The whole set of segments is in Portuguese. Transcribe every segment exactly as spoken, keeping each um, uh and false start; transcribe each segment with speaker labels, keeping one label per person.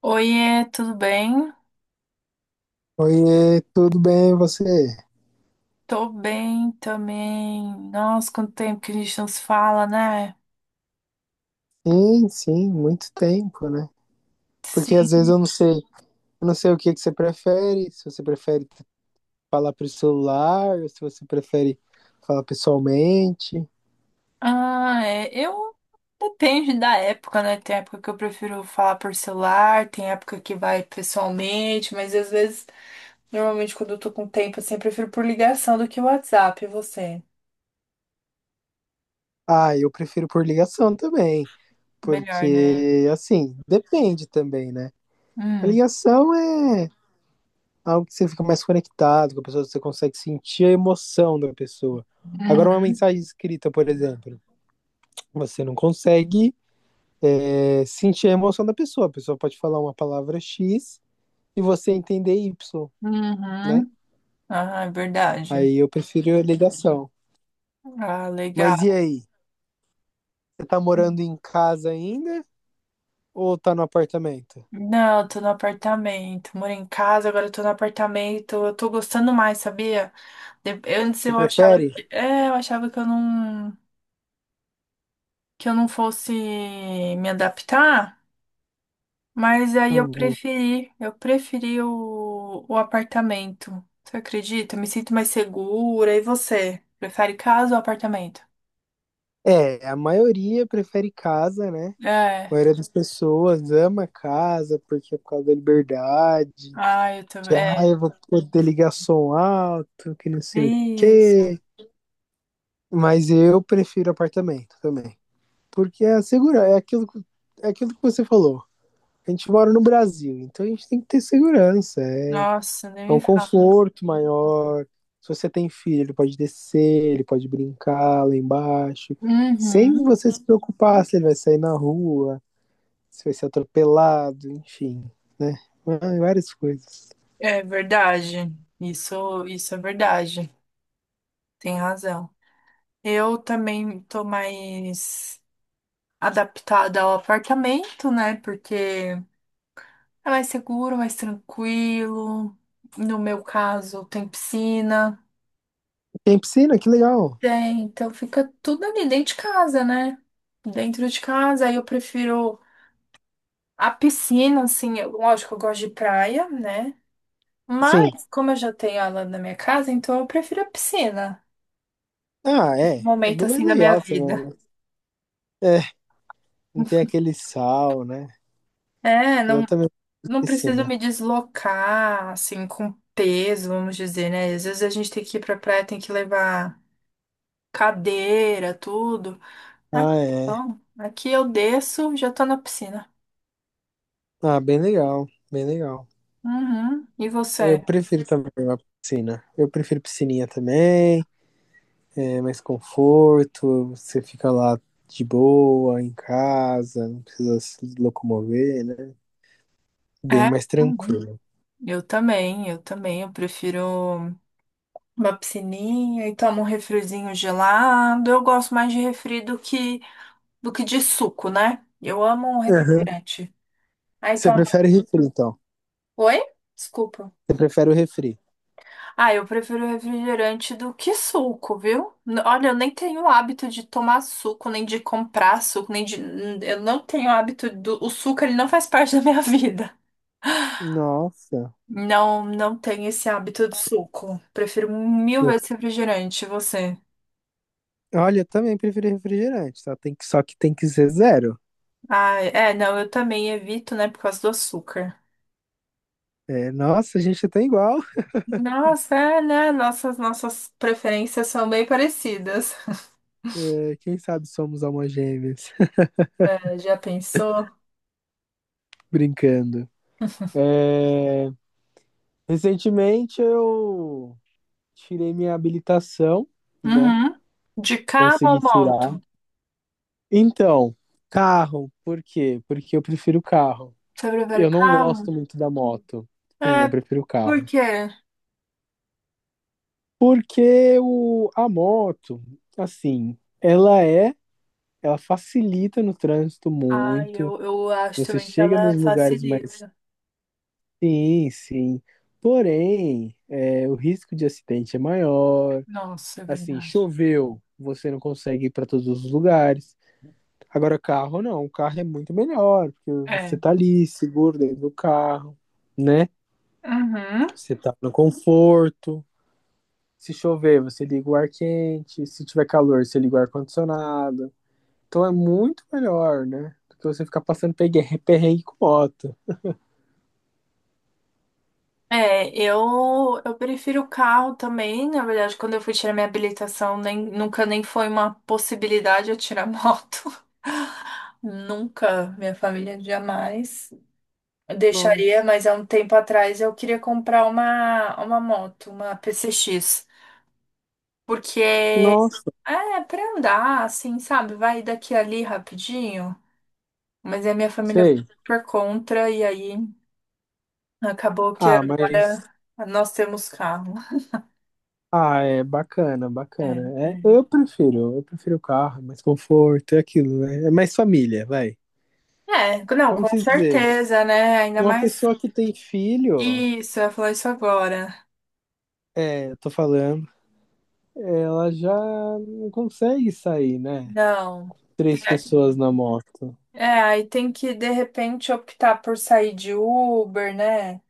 Speaker 1: Oiê, tudo bem?
Speaker 2: Oiê, tudo bem e você?
Speaker 1: Tô bem também. Nossa, quanto tempo que a gente não se fala, né?
Speaker 2: Sim, sim, muito tempo, né? Porque às vezes eu
Speaker 1: Sim.
Speaker 2: não sei, eu não sei o que que você prefere, se você prefere falar por celular, se você prefere falar pessoalmente.
Speaker 1: Ah, é. Eu. Depende da época, né? Tem época que eu prefiro falar por celular, tem época que vai pessoalmente, mas às vezes, normalmente quando eu tô com tempo, assim, eu prefiro por ligação do que WhatsApp. E você?
Speaker 2: Ah, eu prefiro por ligação também,
Speaker 1: Melhor, né?
Speaker 2: porque assim, depende também, né? A
Speaker 1: Hum.
Speaker 2: ligação é algo que você fica mais conectado com a pessoa, você consegue sentir a emoção da pessoa. Agora, uma
Speaker 1: Uhum.
Speaker 2: mensagem escrita, por exemplo, você não consegue é sentir a emoção da pessoa. A pessoa pode falar uma palavra X e você entender Y, né?
Speaker 1: Uhum. Ah, é verdade.
Speaker 2: Aí eu prefiro a ligação.
Speaker 1: Ah, legal.
Speaker 2: Mas e aí? Você tá morando em casa ainda ou tá no apartamento?
Speaker 1: Não, eu tô no apartamento. Moro em casa, agora eu tô no apartamento. Eu tô gostando mais, sabia? De- Antes
Speaker 2: Você
Speaker 1: eu achava
Speaker 2: prefere?
Speaker 1: que, é, eu achava que eu não, que eu não fosse me adaptar, mas aí eu
Speaker 2: Uhum.
Speaker 1: preferi, eu preferi o, o apartamento. Você acredita? Eu me sinto mais segura. E você? Prefere casa ou apartamento?
Speaker 2: É, a maioria prefere casa, né? A
Speaker 1: É.
Speaker 2: maioria das pessoas ama casa porque é por causa da liberdade.
Speaker 1: Ah, eu também.
Speaker 2: Que, ah,
Speaker 1: É.
Speaker 2: eu vou poder ligar som alto, que não sei o
Speaker 1: Isso.
Speaker 2: quê. Mas eu prefiro apartamento também. Porque é segurança, é aquilo, que- é aquilo que você falou. A gente mora no Brasil, então a gente tem que ter segurança. É,
Speaker 1: Nossa, nem
Speaker 2: é
Speaker 1: me
Speaker 2: um
Speaker 1: fala.
Speaker 2: conforto maior. Se você tem filho, ele pode descer, ele pode brincar lá embaixo, sem
Speaker 1: Uhum.
Speaker 2: você se preocupar se ele vai sair na rua, se vai ser atropelado, enfim, né? Ah, várias coisas.
Speaker 1: É verdade. Isso, isso é verdade. Tem razão. Eu também tô mais adaptada ao apartamento, né? Porque é mais seguro, mais tranquilo. No meu caso, tem piscina.
Speaker 2: Tem piscina, que legal.
Speaker 1: Tem, então fica tudo ali dentro de casa, né? Dentro de casa, aí eu prefiro a piscina, assim, eu- lógico, eu gosto de praia, né?
Speaker 2: Sim.
Speaker 1: Mas, como eu já tenho ela na minha casa, então eu prefiro a piscina,
Speaker 2: Ah,
Speaker 1: esse
Speaker 2: é. É
Speaker 1: momento
Speaker 2: bem mais
Speaker 1: assim da minha
Speaker 2: legal também,
Speaker 1: vida.
Speaker 2: né? É, não tem aquele sal, né?
Speaker 1: É,
Speaker 2: Eu
Speaker 1: não,
Speaker 2: também tenho
Speaker 1: não preciso
Speaker 2: piscina.
Speaker 1: me deslocar, assim, com peso, vamos dizer, né? Às vezes a gente tem que ir pra praia, tem que levar cadeira, tudo.
Speaker 2: Ah,
Speaker 1: Aqui
Speaker 2: é.
Speaker 1: não. Aqui eu desço, já tô na piscina.
Speaker 2: Ah, bem legal, bem legal.
Speaker 1: Uhum. E
Speaker 2: Eu
Speaker 1: você?
Speaker 2: prefiro também a piscina. Eu prefiro piscininha também, é mais conforto, você fica lá de boa, em casa, não precisa se locomover, né? Bem
Speaker 1: É,
Speaker 2: mais
Speaker 1: também.
Speaker 2: tranquilo.
Speaker 1: Eu também, eu também. Eu prefiro uma piscininha e tomo um refrizinho gelado. Eu gosto mais de refri do que, do que de suco, né? Eu amo um
Speaker 2: Aham.
Speaker 1: refrigerante. Aí
Speaker 2: Você
Speaker 1: toma.
Speaker 2: prefere refri, então?
Speaker 1: Oi? Desculpa.
Speaker 2: Você prefere o refri?
Speaker 1: Ah, eu prefiro refrigerante do que suco, viu? N- Olha, eu nem tenho o hábito de tomar suco, nem de comprar suco, nem de. n- Eu não tenho hábito do. O suco, ele não faz parte da minha vida.
Speaker 2: Nossa.
Speaker 1: Não, não tenho esse hábito de suco. Prefiro mil
Speaker 2: eu-
Speaker 1: vezes refrigerante, você.
Speaker 2: Olha, eu também prefiro refrigerante, só tem que, só que tem que ser zero.
Speaker 1: Ah, é, não, eu também evito, né, por causa do açúcar.
Speaker 2: É, nossa, a gente tá igual.
Speaker 1: Nossa, é, né? Nossas, nossas preferências são bem parecidas.
Speaker 2: É, quem sabe somos almas gêmeas.
Speaker 1: É, já pensou?
Speaker 2: Brincando. É, recentemente eu tirei minha habilitação, né?
Speaker 1: Uhum. De carro
Speaker 2: Consegui
Speaker 1: ou
Speaker 2: tirar.
Speaker 1: moto?
Speaker 2: Então, carro, por quê? Porque eu prefiro carro.
Speaker 1: Você prefere
Speaker 2: Eu não gosto
Speaker 1: carro?
Speaker 2: muito da moto. Sim, eu
Speaker 1: É,
Speaker 2: prefiro
Speaker 1: por
Speaker 2: carro.
Speaker 1: quê?
Speaker 2: Porque o, a moto, assim, ela é, ela facilita no trânsito
Speaker 1: Ah,
Speaker 2: muito.
Speaker 1: eu, eu acho
Speaker 2: Você
Speaker 1: também que
Speaker 2: chega nos
Speaker 1: ela
Speaker 2: lugares mais.
Speaker 1: facilita.
Speaker 2: Sim, sim. Porém, é, o risco de acidente é maior.
Speaker 1: Nossa, é
Speaker 2: Assim,
Speaker 1: verdade.
Speaker 2: choveu, você não consegue ir para todos os lugares. Agora, carro não, o carro é muito melhor, porque você
Speaker 1: É.
Speaker 2: tá ali, seguro dentro do carro, né?
Speaker 1: Uhum.
Speaker 2: Você tá no conforto. Se chover, você liga o ar quente. Se tiver calor, você liga o ar-condicionado. Então é muito melhor, né? Do que você ficar passando pegue- perrengue com moto.
Speaker 1: É, eu, eu prefiro o carro também. Na verdade, quando eu fui tirar minha habilitação, nem, nunca nem foi uma possibilidade eu tirar moto. Nunca, minha família jamais deixaria,
Speaker 2: Nossa,
Speaker 1: mas há um tempo atrás eu queria comprar uma, uma moto, uma P C X. Porque
Speaker 2: nossa,
Speaker 1: é pra andar, assim, sabe? Vai daqui a ali rapidinho. Mas é a minha família foi
Speaker 2: sei.
Speaker 1: por contra, e aí acabou que
Speaker 2: Ah, mas
Speaker 1: agora nós temos carro.
Speaker 2: ah, é bacana,
Speaker 1: É,
Speaker 2: bacana. É,
Speaker 1: é.
Speaker 2: eu prefiro, eu prefiro o carro, é mais conforto, é aquilo, né? É mais família, vai.
Speaker 1: É, não,
Speaker 2: Vamos
Speaker 1: com
Speaker 2: dizer,
Speaker 1: certeza, né? Ainda
Speaker 2: uma
Speaker 1: mais
Speaker 2: pessoa que tem filho,
Speaker 1: isso, eu ia falar isso agora.
Speaker 2: é, eu tô falando, ela já não consegue sair, né?
Speaker 1: Não. Tem
Speaker 2: Três
Speaker 1: que-
Speaker 2: pessoas na moto.
Speaker 1: É, aí tem que, de repente, optar por sair de Uber, né?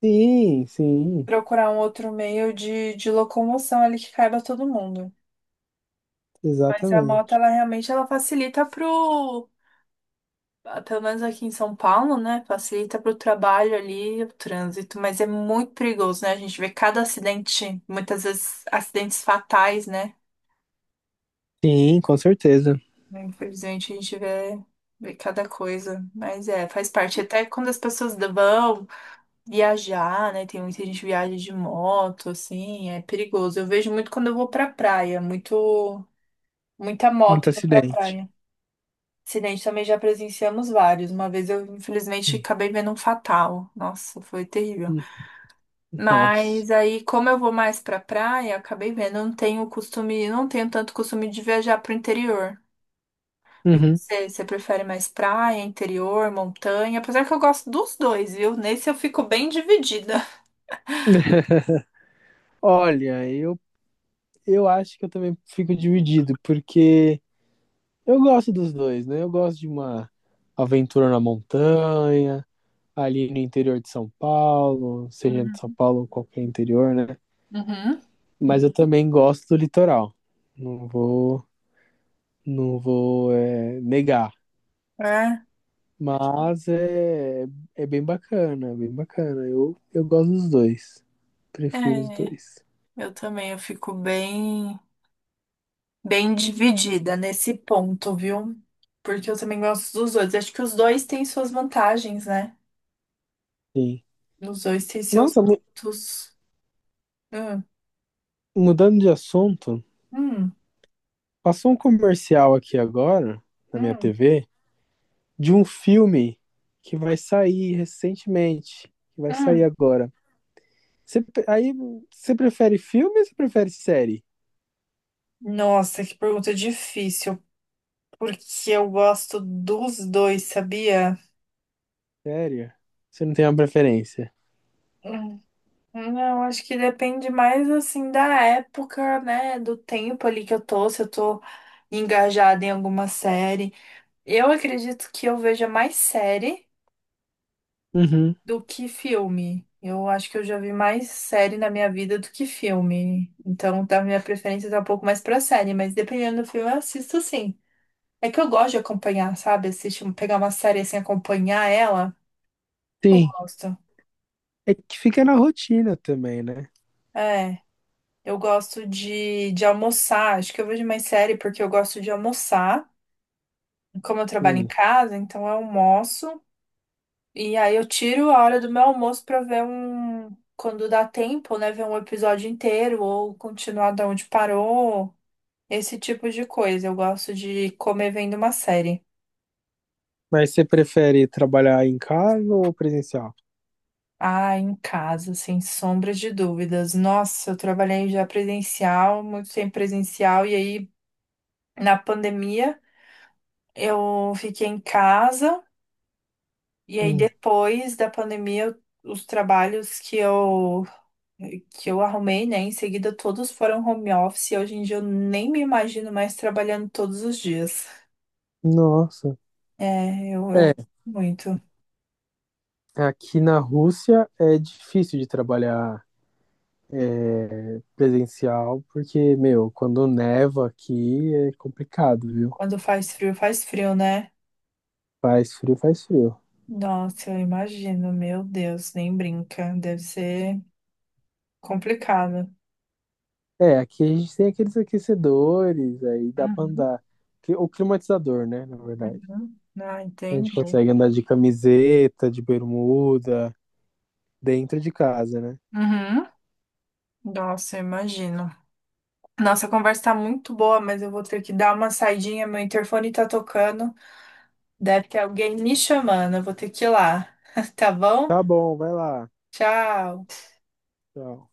Speaker 2: Sim, sim,
Speaker 1: Procurar um outro meio de, de locomoção ali que caiba todo mundo. Mas a moto,
Speaker 2: exatamente.
Speaker 1: ela realmente, ela facilita pro, pelo menos aqui em São Paulo, né? Facilita para o trabalho ali, o trânsito, mas é muito perigoso, né? A gente vê cada acidente, muitas vezes acidentes fatais, né?
Speaker 2: Sim, com certeza.
Speaker 1: Infelizmente a gente vê, vê cada coisa, mas é, faz parte. Até quando as pessoas vão viajar, né? Tem muita gente que viaja de moto, assim, é perigoso. Eu vejo muito quando eu vou pra praia, muito, muita moto
Speaker 2: Muito
Speaker 1: indo pra
Speaker 2: acidente.
Speaker 1: praia. Acidente também já presenciamos vários. Uma vez eu, infelizmente,
Speaker 2: Sim.
Speaker 1: acabei vendo um fatal. Nossa, foi terrível.
Speaker 2: Uhum. Nossa.
Speaker 1: Mas aí, como eu vou mais pra praia, acabei vendo. Eu não tenho costume, não tenho tanto costume de viajar pro interior. E
Speaker 2: Uhum.
Speaker 1: você, você prefere mais praia, interior, montanha? Apesar que eu gosto dos dois, viu? Nesse eu fico bem dividida.
Speaker 2: Olha, eu, eu acho que eu também fico dividido, porque eu gosto dos dois, né? Eu gosto de uma aventura na montanha, ali no interior de São Paulo, seja de São
Speaker 1: Uhum.
Speaker 2: Paulo ou qualquer interior, né?
Speaker 1: Uhum.
Speaker 2: Mas eu também gosto do litoral. Não vou, não vou é, negar.
Speaker 1: É,
Speaker 2: Mas é, é bem bacana, é bem bacana. Eu, eu gosto dos dois. Prefiro os
Speaker 1: é,
Speaker 2: dois.
Speaker 1: eu também, eu fico bem. bem dividida nesse ponto, viu? Porque eu também gosto dos dois. Acho que os dois têm suas vantagens, né?
Speaker 2: Sim.
Speaker 1: Os dois têm seus
Speaker 2: Nossa, mu-
Speaker 1: pontos. Hum,
Speaker 2: mudando de assunto,
Speaker 1: hum,
Speaker 2: passou um comercial aqui agora na minha
Speaker 1: hum,
Speaker 2: T V. De um filme que vai sair recentemente, que vai sair
Speaker 1: hum.
Speaker 2: agora. Você, aí, você prefere filme ou você prefere série?
Speaker 1: Nossa, que pergunta difícil. Porque eu gosto dos dois, sabia?
Speaker 2: Sério? Você não tem uma preferência?
Speaker 1: Hum, Não, acho que depende mais assim da época, né? Do tempo ali que eu tô, se eu tô engajada em alguma série. Eu acredito que eu veja mais série.
Speaker 2: Uhum.
Speaker 1: Do que filme? Eu acho que eu já vi mais série na minha vida do que filme. Então, tá, minha preferência tá um pouco mais pra série, mas dependendo do filme, eu assisto sim. É que eu gosto de acompanhar, sabe? Assistir, um, pegar uma série assim, acompanhar ela. Eu
Speaker 2: Sim.
Speaker 1: gosto.
Speaker 2: É que fica na rotina também, né?
Speaker 1: É, eu gosto de, de almoçar. Acho que eu vejo mais série porque eu gosto de almoçar. Como eu trabalho em
Speaker 2: Hum.
Speaker 1: casa, então eu almoço. E aí eu tiro a hora do meu almoço pra ver um. Quando dá tempo, né? Ver um episódio inteiro ou continuar da onde parou. Esse tipo de coisa. Eu gosto de comer vendo uma série.
Speaker 2: Mas você prefere trabalhar em casa ou presencial?
Speaker 1: Ah, em casa, sem sombra de dúvidas. Nossa, eu trabalhei já presencial, muito tempo presencial. E aí, na pandemia, eu fiquei em casa. E aí,
Speaker 2: Hum.
Speaker 1: depois da pandemia, eu- os trabalhos que eu que eu arrumei, né? Em seguida, todos foram home office e hoje em dia eu nem me imagino mais trabalhando todos os dias.
Speaker 2: Nossa.
Speaker 1: É, eu, eu
Speaker 2: É,
Speaker 1: muito.
Speaker 2: aqui na Rússia é difícil de trabalhar presencial, porque, meu, quando neva aqui é complicado, viu?
Speaker 1: Quando faz frio, faz frio, né?
Speaker 2: Faz frio, faz frio.
Speaker 1: Nossa, eu imagino, meu Deus, nem brinca. Deve ser complicado.
Speaker 2: É, aqui a gente tem aqueles aquecedores, aí dá pra
Speaker 1: Uhum,
Speaker 2: andar. Cli- O climatizador, né, na verdade.
Speaker 1: uhum. Ah,
Speaker 2: A gente
Speaker 1: entendi.
Speaker 2: consegue andar de camiseta, de bermuda, dentro de casa, né?
Speaker 1: Uhum. Nossa, eu imagino. Nossa, a conversa tá muito boa, mas eu vou ter que dar uma saidinha. Meu interfone tá tocando. Deve ter alguém me chamando. Eu vou ter que ir lá. Tá bom?
Speaker 2: Tá bom, vai lá.
Speaker 1: Tchau.
Speaker 2: Tchau.